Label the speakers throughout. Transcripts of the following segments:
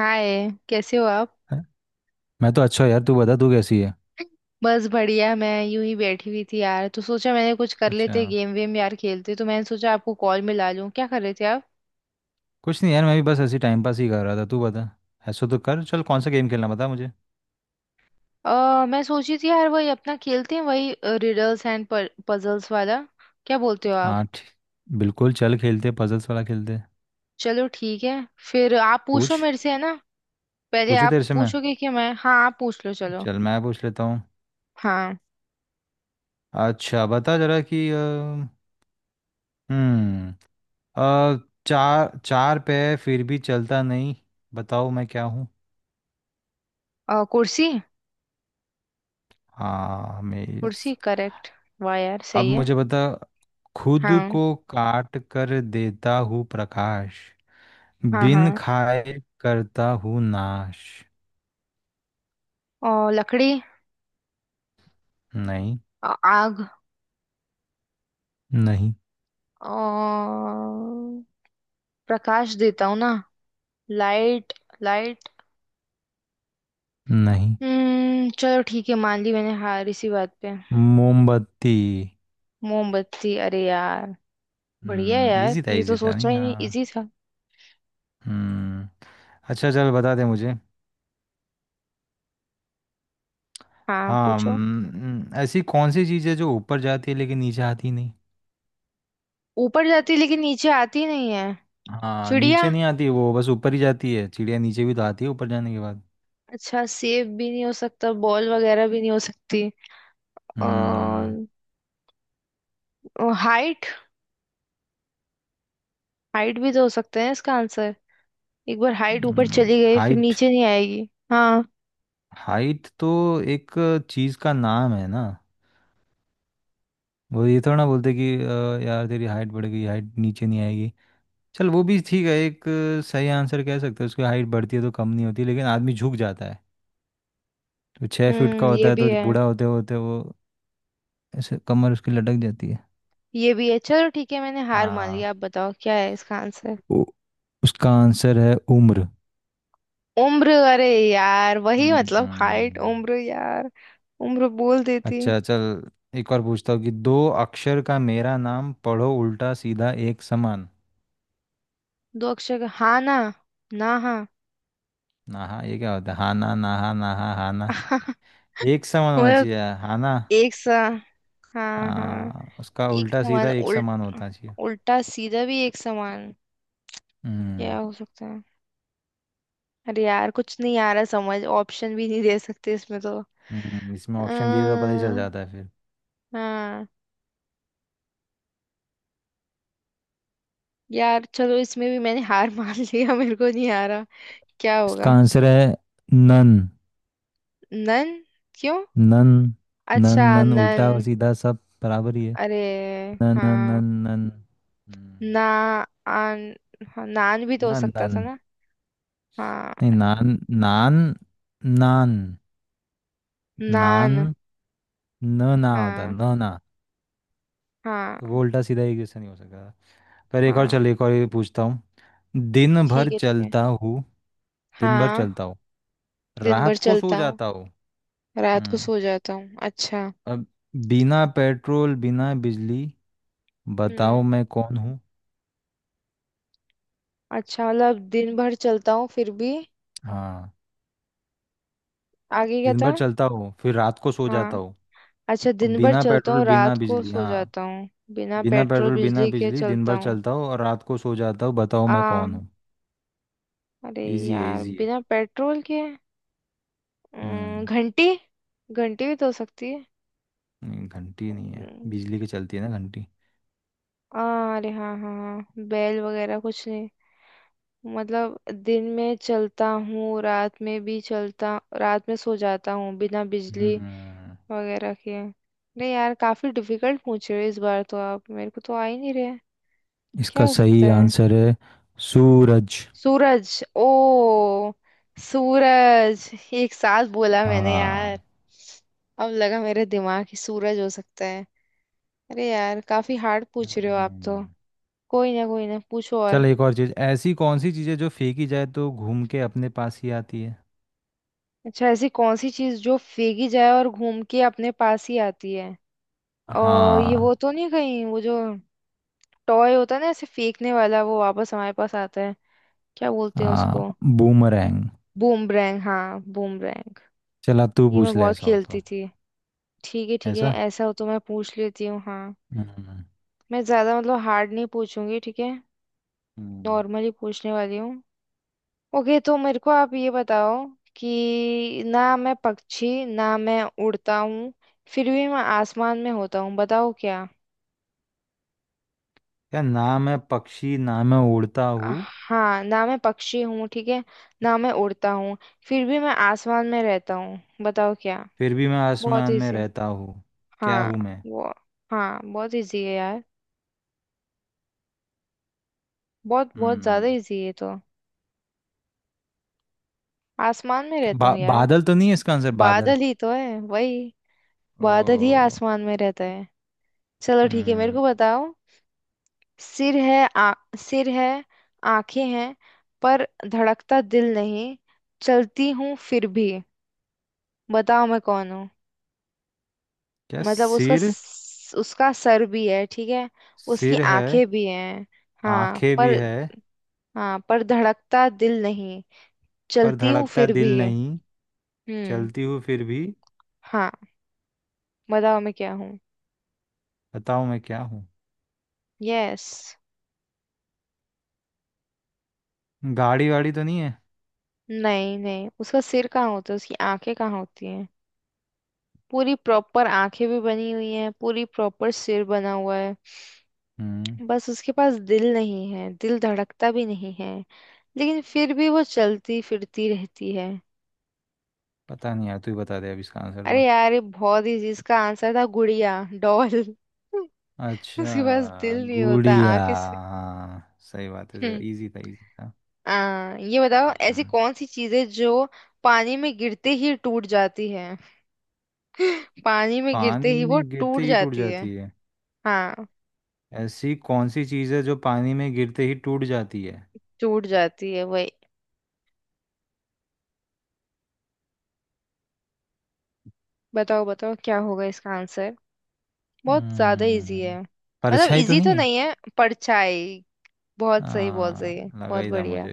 Speaker 1: हाय, कैसे हो आप?
Speaker 2: है? मैं तो अच्छा हूँ यार। तू बता, तू कैसी है?
Speaker 1: बस बढ़िया। मैं यूं ही बैठी हुई थी यार, तो सोचा मैंने कुछ कर
Speaker 2: अच्छा।
Speaker 1: लेते, गेम वेम यार खेलते, तो मैंने सोचा आपको कॉल मिला लूं। क्या कर रहे थे आप?
Speaker 2: कुछ नहीं यार, मैं भी बस ऐसे टाइम पास ही कर रहा था। तू बता। ऐसा तो कर, चल कौन सा गेम खेलना बता मुझे।
Speaker 1: मैं सोची थी यार, वही अपना खेलते हैं वही, रिडल्स एंड पजल्स वाला। क्या बोलते हो आप?
Speaker 2: हाँ, ठीक। बिल्कुल, चल खेलते, पजल्स वाला खेलते।
Speaker 1: चलो ठीक है। फिर आप पूछो
Speaker 2: पूछ।
Speaker 1: मेरे से, है ना? पहले
Speaker 2: पूछू
Speaker 1: आप
Speaker 2: तेरे से मैं?
Speaker 1: पूछोगे कि मैं, हाँ, आप पूछ लो चलो।
Speaker 2: चल मैं पूछ लेता हूँ।
Speaker 1: हाँ।
Speaker 2: अच्छा, बता जरा कि हम्म अ, चार चार पे फिर भी चलता नहीं, बताओ मैं क्या हूँ?
Speaker 1: कुर्सी।
Speaker 2: हाँ, मेज।
Speaker 1: कुर्सी करेक्ट। वाह यार,
Speaker 2: अब
Speaker 1: सही है।
Speaker 2: मुझे बता। खुद
Speaker 1: हाँ,
Speaker 2: को काट कर देता हूँ प्रकाश,
Speaker 1: हाँ,
Speaker 2: बिन
Speaker 1: हाँ।
Speaker 2: खाए करता हूँ नाश।
Speaker 1: और लकड़ी।
Speaker 2: नहीं।
Speaker 1: आग।
Speaker 2: नहीं।
Speaker 1: और प्रकाश देता हूँ ना। लाइट। लाइट।
Speaker 2: नहीं।
Speaker 1: हम्म, चलो ठीक है, मान ली मैंने हार इसी बात पे।
Speaker 2: मोमबत्ती।
Speaker 1: मोमबत्ती, अरे यार! बढ़िया है यार,
Speaker 2: इजी था,
Speaker 1: ये तो
Speaker 2: इजी था नहीं,
Speaker 1: सोचना ही नहीं, इजी
Speaker 2: हाँ।
Speaker 1: था।
Speaker 2: हम्म। अच्छा चल, बता दे मुझे।
Speaker 1: हाँ
Speaker 2: हाँ।
Speaker 1: पूछो।
Speaker 2: ऐसी कौन सी चीज़ है जो ऊपर जाती है लेकिन नीचे आती नहीं?
Speaker 1: ऊपर जाती लेकिन नीचे आती नहीं है?
Speaker 2: हाँ,
Speaker 1: चिड़िया।
Speaker 2: नीचे नहीं आती, वो बस ऊपर ही जाती है। चिड़िया नीचे भी तो आती है ऊपर जाने के बाद।
Speaker 1: अच्छा, सेब भी नहीं हो सकता, बॉल वगैरह भी नहीं हो सकती। और
Speaker 2: हम्म।
Speaker 1: हाइट। हाइट भी तो हो सकते हैं इसका आंसर। एक बार हाइट ऊपर चली गई फिर
Speaker 2: हाइट
Speaker 1: नीचे नहीं आएगी, हाँ।
Speaker 2: हाइट तो एक चीज़ का नाम है ना। वो ये थोड़ा ना बोलते कि यार तेरी हाइट बढ़ गई, हाइट नीचे नहीं आएगी"। चल वो भी ठीक है। एक सही आंसर कह सकते हैं, उसकी हाइट बढ़ती है तो कम नहीं होती, लेकिन आदमी झुक जाता है। तो छः फीट का
Speaker 1: हम्म,
Speaker 2: होता
Speaker 1: ये
Speaker 2: है
Speaker 1: भी
Speaker 2: तो
Speaker 1: है।
Speaker 2: बूढ़ा होते होते वो ऐसे कमर उसकी लटक जाती है।
Speaker 1: ये भी है, चलो ठीक है, मैंने हार मान लिया।
Speaker 2: हाँ।
Speaker 1: आप बताओ क्या है इसका आंसर।
Speaker 2: ओ, उसका आंसर है उम्र।
Speaker 1: उम्र? अरे यार, वही मतलब हाइट,
Speaker 2: हम्म।
Speaker 1: उम्र यार। उम्र बोल देती।
Speaker 2: अच्छा चल, एक और पूछता हूँ कि दो अक्षर का मेरा नाम पढ़ो, उल्टा सीधा एक समान।
Speaker 1: दो अक्षर का, हाँ ना? ना हाँ।
Speaker 2: नाहा, ये क्या होता है, हाना, नाहा, नाहा, हाना। एक समान होना
Speaker 1: मतलब?
Speaker 2: चाहिए। हाना।
Speaker 1: एक सा? हाँ, हाँ।
Speaker 2: हाँ, उसका
Speaker 1: एक
Speaker 2: उल्टा सीधा
Speaker 1: समान
Speaker 2: एक
Speaker 1: उल्ट
Speaker 2: समान होना चाहिए।
Speaker 1: उल्टा सीधा भी एक समान। क्या
Speaker 2: हम्म।
Speaker 1: हो सकता है? अरे यार, कुछ नहीं आ रहा समझ। ऑप्शन भी नहीं दे सकते इसमें तो।
Speaker 2: इसमें ऑप्शन दिए तो
Speaker 1: अ,
Speaker 2: पता ही चल जाता है फिर।
Speaker 1: हाँ। यार चलो, इसमें भी मैंने हार मान लिया मेरे को नहीं आ रहा। क्या
Speaker 2: इसका
Speaker 1: होगा?
Speaker 2: आंसर है नन
Speaker 1: नन। क्यों?
Speaker 2: नन। नन
Speaker 1: अच्छा,
Speaker 2: नन,
Speaker 1: नन।
Speaker 2: उल्टा और सीधा सब बराबर ही है।
Speaker 1: अरे!
Speaker 2: नन नन
Speaker 1: हाँ।
Speaker 2: नन नन। हम्म।
Speaker 1: ना आन। हाँ, नान भी तो हो
Speaker 2: नन
Speaker 1: सकता
Speaker 2: नन।
Speaker 1: था ना। हाँ।
Speaker 2: नहीं, नान। नान। नान।
Speaker 1: नान।
Speaker 2: नान। न ना होता,
Speaker 1: हाँ।
Speaker 2: न ना। तो वो
Speaker 1: हाँ।
Speaker 2: उल्टा सीधा एक जैसा नहीं हो सकता। पर एक और,
Speaker 1: हाँ।
Speaker 2: चल एक और ये पूछता हूँ। दिन भर
Speaker 1: ठीक है, ठीक है।
Speaker 2: चलता हूँ। दिन भर
Speaker 1: हाँ।
Speaker 2: चलता हूँ,
Speaker 1: दिन भर
Speaker 2: रात को सो
Speaker 1: चलता हूँ,
Speaker 2: जाता हूँ।
Speaker 1: रात को
Speaker 2: हम्म।
Speaker 1: सो जाता हूँ। अच्छा।
Speaker 2: अब, बिना पेट्रोल बिना बिजली, बताओ
Speaker 1: हम्म।
Speaker 2: मैं कौन हूँ?
Speaker 1: अच्छा, मतलब दिन भर चलता हूँ फिर भी?
Speaker 2: हाँ,
Speaker 1: आगे क्या
Speaker 2: दिन
Speaker 1: था?
Speaker 2: भर चलता हूँ फिर रात को सो जाता
Speaker 1: हाँ।
Speaker 2: हूँ।
Speaker 1: अच्छा,
Speaker 2: अब
Speaker 1: दिन भर
Speaker 2: बिना
Speaker 1: चलता
Speaker 2: पेट्रोल
Speaker 1: हूँ
Speaker 2: बिना
Speaker 1: रात को
Speaker 2: बिजली,
Speaker 1: सो
Speaker 2: हाँ।
Speaker 1: जाता हूँ, बिना
Speaker 2: बिना
Speaker 1: पेट्रोल
Speaker 2: पेट्रोल बिना
Speaker 1: बिजली के
Speaker 2: बिजली दिन
Speaker 1: चलता
Speaker 2: भर
Speaker 1: हूँ।
Speaker 2: चलता हूँ और रात को सो जाता हूँ, बताओ
Speaker 1: आ
Speaker 2: मैं कौन हूँ?
Speaker 1: अरे
Speaker 2: इजी है,
Speaker 1: यार,
Speaker 2: इजी है।
Speaker 1: बिना पेट्रोल के?
Speaker 2: हम्म।
Speaker 1: घंटी। घंटी भी तो हो सकती है।
Speaker 2: नहीं, घंटी नहीं है,
Speaker 1: अम,
Speaker 2: बिजली की चलती है ना घंटी।
Speaker 1: अरे हाँ हाँ हाँ, बैल वगैरह कुछ नहीं। मतलब, दिन में चलता हूँ रात में भी चलता, रात में सो जाता हूँ, बिना बिजली
Speaker 2: हम्म।
Speaker 1: वगैरह के? नहीं यार, काफी डिफिकल्ट पूछ रहे हो इस बार तो आप, मेरे को तो आ ही नहीं रहे। क्या
Speaker 2: इसका
Speaker 1: हो सकता
Speaker 2: सही
Speaker 1: है?
Speaker 2: आंसर है सूरज।
Speaker 1: सूरज? ओ। सूरज एक साथ बोला मैंने यार।
Speaker 2: हाँ।
Speaker 1: अब लगा मेरे दिमाग ही, सूरज हो सकता है। अरे यार, काफी हार्ड पूछ रहे हो आप तो।
Speaker 2: हम्म।
Speaker 1: कोई ना, कोई ना, पूछो और।
Speaker 2: चल एक और चीज, ऐसी कौन सी चीजें जो फेंकी जाए तो घूम के अपने पास ही आती है?
Speaker 1: अच्छा, ऐसी कौन सी चीज जो फेंकी जाए और घूम के अपने पास ही आती है? और ये वो
Speaker 2: हाँ।
Speaker 1: तो नहीं कहीं, वो जो टॉय होता है ना, ऐसे फेंकने वाला, वो वापस हमारे पास आता है? क्या बोलते हैं
Speaker 2: हाँ,
Speaker 1: उसको?
Speaker 2: बूमरैंग।
Speaker 1: बूमरैंग। हाँ, बूमरैंग।
Speaker 2: चल अब तू
Speaker 1: ये मैं
Speaker 2: पूछ ले,
Speaker 1: बहुत
Speaker 2: ऐसा हो
Speaker 1: खेलती
Speaker 2: तो।
Speaker 1: थी। ठीक है, ठीक है,
Speaker 2: ऐसा।
Speaker 1: ऐसा हो तो मैं पूछ लेती हूँ, हाँ।
Speaker 2: हम्म।
Speaker 1: मैं ज्यादा मतलब हार्ड नहीं पूछूंगी, ठीक है?
Speaker 2: हम्म।
Speaker 1: नॉर्मली पूछने वाली हूँ। ओके, तो मेरे को आप ये बताओ कि ना मैं पक्षी, ना मैं उड़ता हूँ, फिर भी मैं आसमान में होता हूँ, बताओ क्या।
Speaker 2: क्या? ना मैं पक्षी, ना मैं उड़ता हूँ,
Speaker 1: हाँ, ना मैं पक्षी हूँ, ठीक है, ना मैं उड़ता हूँ, फिर भी मैं आसमान में रहता हूँ, बताओ क्या।
Speaker 2: फिर भी मैं
Speaker 1: बहुत
Speaker 2: आसमान में
Speaker 1: इजी।
Speaker 2: रहता हूँ। क्या
Speaker 1: हाँ।
Speaker 2: हूँ मैं?
Speaker 1: वो। हाँ, बहुत इजी है यार। बहुत बहुत ज्यादा
Speaker 2: हम्म।
Speaker 1: इजी है ये तो। आसमान में
Speaker 2: क्या,
Speaker 1: रहता हूँ यार।
Speaker 2: बादल तो नहीं है इसका आंसर? बादल।
Speaker 1: बादल ही तो है वही। बादल ही
Speaker 2: ओ।
Speaker 1: आसमान में रहता है। चलो ठीक है, मेरे
Speaker 2: हम्म।
Speaker 1: को बताओ। सिर है, सिर है, आंखें हैं, पर धड़कता दिल नहीं, चलती हूँ फिर भी, बताओ मैं कौन हूँ।
Speaker 2: क्या,
Speaker 1: मतलब
Speaker 2: सिर?
Speaker 1: उसका सर भी है, ठीक है, उसकी
Speaker 2: सिर है,
Speaker 1: आंखें भी हैं। हाँ
Speaker 2: आंखें भी
Speaker 1: पर
Speaker 2: है,
Speaker 1: हाँ पर धड़कता दिल नहीं,
Speaker 2: पर
Speaker 1: चलती हूँ
Speaker 2: धड़कता
Speaker 1: फिर भी।
Speaker 2: दिल नहीं,
Speaker 1: हम्म।
Speaker 2: चलती हूँ फिर भी,
Speaker 1: हाँ। बताओ मैं क्या हूँ।
Speaker 2: बताओ मैं क्या हूँ?
Speaker 1: यस।
Speaker 2: गाड़ी वाड़ी तो नहीं है?
Speaker 1: नहीं नहीं, उसका सिर कहाँ होता है, उसकी आंखें कहाँ होती हैं? पूरी प्रॉपर आंखें भी बनी हुई हैं, पूरी प्रॉपर सिर बना हुआ है।
Speaker 2: हम्म।
Speaker 1: बस उसके पास दिल नहीं है, दिल धड़कता भी नहीं है, लेकिन फिर भी वो चलती फिरती रहती है।
Speaker 2: पता नहीं यार, तू ही बता दे अब इसका आंसर तो।
Speaker 1: अरे यार, ये बहुत इजी, इसका आंसर था गुड़िया, डॉल उसके पास
Speaker 2: अच्छा,
Speaker 1: दिल नहीं होता,
Speaker 2: गुड़िया।
Speaker 1: आंखें से।
Speaker 2: हाँ, सही बात है सर,
Speaker 1: हम्म।
Speaker 2: इजी था, इजी था।
Speaker 1: ये बताओ, ऐसी
Speaker 2: हम्म।
Speaker 1: कौन सी चीज है जो पानी में गिरते ही टूट जाती है? पानी में गिरते
Speaker 2: पानी
Speaker 1: ही वो
Speaker 2: में गिरते
Speaker 1: टूट
Speaker 2: ही टूट
Speaker 1: जाती है।
Speaker 2: जाती है।
Speaker 1: हाँ,
Speaker 2: ऐसी कौन सी चीज़ है जो पानी में गिरते ही टूट जाती है?
Speaker 1: टूट जाती है वही। बताओ बताओ, क्या होगा इसका आंसर? बहुत ज्यादा इजी
Speaker 2: हम्म।
Speaker 1: है, मतलब
Speaker 2: परछाई तो
Speaker 1: इजी
Speaker 2: नहीं
Speaker 1: तो
Speaker 2: है?
Speaker 1: नहीं है। परछाई। बहुत सही, बहुत
Speaker 2: हाँ।
Speaker 1: सही है,
Speaker 2: लगा
Speaker 1: बहुत
Speaker 2: ही था
Speaker 1: बढ़िया।
Speaker 2: मुझे।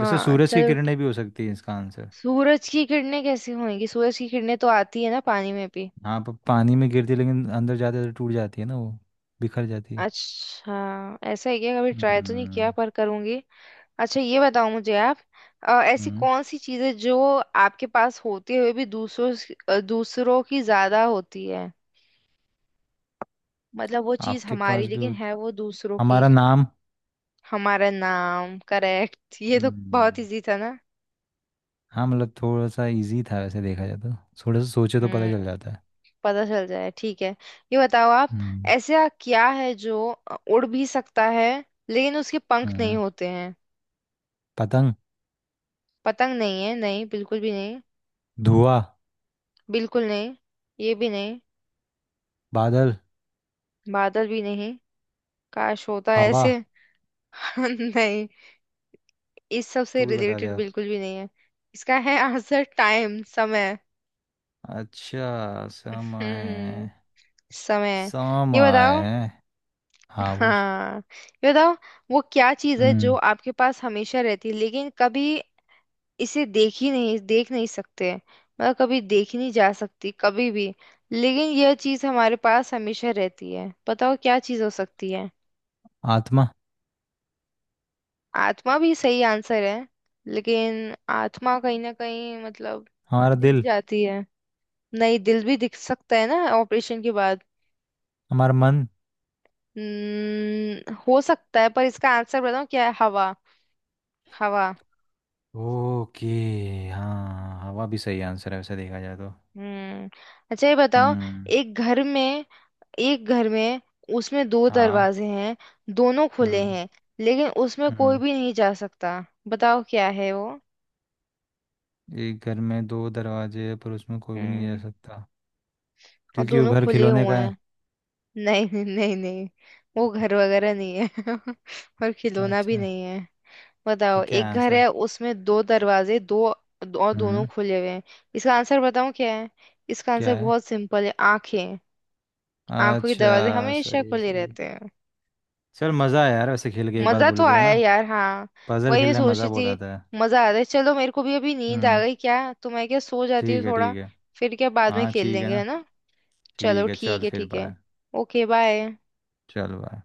Speaker 2: वैसे सूरज की
Speaker 1: चलो।
Speaker 2: किरणें भी हो सकती है इसका आंसर।
Speaker 1: सूरज की किरणें कैसी होंगी? सूरज की किरणें तो आती है ना पानी में भी।
Speaker 2: हाँ, पर पानी में गिरती लेकिन अंदर जाते तो टूट जाती है ना वो, बिखर जाती है।
Speaker 1: अच्छा, ऐसा है क्या? कभी ट्राई तो नहीं किया,
Speaker 2: हम्म।
Speaker 1: पर करूंगी। अच्छा, ये बताओ मुझे आप। ऐसी
Speaker 2: हम्म
Speaker 1: कौन सी चीजें जो आपके पास होते हुए भी दूसरों की ज्यादा होती है। मतलब वो चीज
Speaker 2: आपके
Speaker 1: हमारी,
Speaker 2: पास भी
Speaker 1: लेकिन
Speaker 2: हो-
Speaker 1: है वो दूसरों की।
Speaker 2: हमारा नाम।
Speaker 1: हमारा नाम करेक्ट, ये तो बहुत
Speaker 2: हम्म।
Speaker 1: इजी था ना।
Speaker 2: हाँ, मतलब थोड़ा सा इजी था वैसे देखा जाए तो। थोड़ा सा सोचे तो पता चल
Speaker 1: हम्म।
Speaker 2: जाता है।
Speaker 1: पता चल जाए ठीक है। ये बताओ आप,
Speaker 2: हम्म।
Speaker 1: ऐसा क्या है जो उड़ भी सकता है लेकिन उसके पंख नहीं
Speaker 2: हाँ,
Speaker 1: होते हैं?
Speaker 2: पतंग।
Speaker 1: पतंग नहीं है, नहीं बिल्कुल भी नहीं।
Speaker 2: धुआं।
Speaker 1: बिल्कुल नहीं। ये भी नहीं।
Speaker 2: बादल।
Speaker 1: बादल भी नहीं। काश होता
Speaker 2: हवा।
Speaker 1: ऐसे! नहीं, इस सब से
Speaker 2: तू भी बता दे
Speaker 1: रिलेटेड
Speaker 2: आप।
Speaker 1: बिल्कुल भी नहीं है। इसका है आंसर, टाइम, समय।
Speaker 2: अच्छा,
Speaker 1: हम्म।
Speaker 2: समय।
Speaker 1: समय। ये बताओ।
Speaker 2: समय। हाँ, पूछ।
Speaker 1: हाँ, ये बताओ। वो क्या चीज है जो
Speaker 2: हम्म।
Speaker 1: आपके पास हमेशा रहती है, लेकिन कभी इसे देख ही नहीं देख नहीं सकते? मतलब कभी देखी नहीं जा सकती कभी भी, लेकिन यह चीज हमारे पास हमेशा रहती है, बताओ क्या चीज हो सकती है।
Speaker 2: आत्मा।
Speaker 1: आत्मा भी सही आंसर है, लेकिन आत्मा कहीं ना कहीं मतलब
Speaker 2: हमारा
Speaker 1: दिख
Speaker 2: दिल।
Speaker 1: जाती है। नहीं, दिल भी दिख सकता है ना ऑपरेशन के बाद।
Speaker 2: हमारा मन।
Speaker 1: हम्म, हो सकता है, पर इसका आंसर बताऊं क्या है? हवा। हवा।
Speaker 2: ओके। हाँ, हवा भी सही आंसर है वैसे देखा जाए तो।
Speaker 1: हम्म। अच्छा, ये बताओ।
Speaker 2: हम्म।
Speaker 1: एक घर में एक घर में उसमें दो
Speaker 2: हाँ।
Speaker 1: दरवाजे हैं, दोनों खुले
Speaker 2: हम्म।
Speaker 1: हैं, लेकिन उसमें कोई
Speaker 2: हम्म।
Speaker 1: भी नहीं जा सकता। बताओ क्या है वो।
Speaker 2: एक घर में दो दरवाजे हैं पर उसमें कोई भी नहीं जा
Speaker 1: हम्म,
Speaker 2: सकता,
Speaker 1: और
Speaker 2: क्योंकि वो
Speaker 1: दोनों
Speaker 2: घर
Speaker 1: खुले
Speaker 2: खिलौने
Speaker 1: हुए
Speaker 2: का
Speaker 1: हैं।
Speaker 2: है।
Speaker 1: नहीं नहीं नहीं नहीं, वो घर वगैरह नहीं है और खिलौना भी
Speaker 2: अच्छा।
Speaker 1: नहीं है। बताओ,
Speaker 2: तो क्या
Speaker 1: एक
Speaker 2: है
Speaker 1: घर
Speaker 2: आंसर?
Speaker 1: है, उसमें दो दरवाजे, दो दो- और दोनों
Speaker 2: हम्म।
Speaker 1: खुले हुए हैं। इसका आंसर बताऊं क्या है? इसका आंसर
Speaker 2: क्या है?
Speaker 1: बहुत सिंपल है, आंखें। आंखों के दरवाजे
Speaker 2: अच्छा,
Speaker 1: हमेशा
Speaker 2: सही है,
Speaker 1: खुले
Speaker 2: सही है।
Speaker 1: रहते हैं।
Speaker 2: चल मज़ा आया यार, वैसे खेल के, एक बात
Speaker 1: मजा तो
Speaker 2: बोले तो, है
Speaker 1: आया
Speaker 2: ना।
Speaker 1: यार, हाँ।
Speaker 2: पजल
Speaker 1: वही मैं
Speaker 2: खेलने में
Speaker 1: सोच
Speaker 2: मज़ा
Speaker 1: रही
Speaker 2: बहुत आता है।
Speaker 1: थी, मजा आ रहा है। चलो, मेरे को भी अभी नींद आ
Speaker 2: हम्म।
Speaker 1: गई क्या तो, मैं क्या सो जाती हूँ
Speaker 2: ठीक है,
Speaker 1: थोड़ा।
Speaker 2: ठीक है।
Speaker 1: फिर क्या, बाद में
Speaker 2: हाँ,
Speaker 1: खेल
Speaker 2: ठीक है
Speaker 1: लेंगे, है
Speaker 2: ना।
Speaker 1: ना? चलो
Speaker 2: ठीक है,
Speaker 1: ठीक
Speaker 2: चल
Speaker 1: है,
Speaker 2: फिर
Speaker 1: ठीक है।
Speaker 2: बाय।
Speaker 1: Okay, bye.
Speaker 2: चल बाय।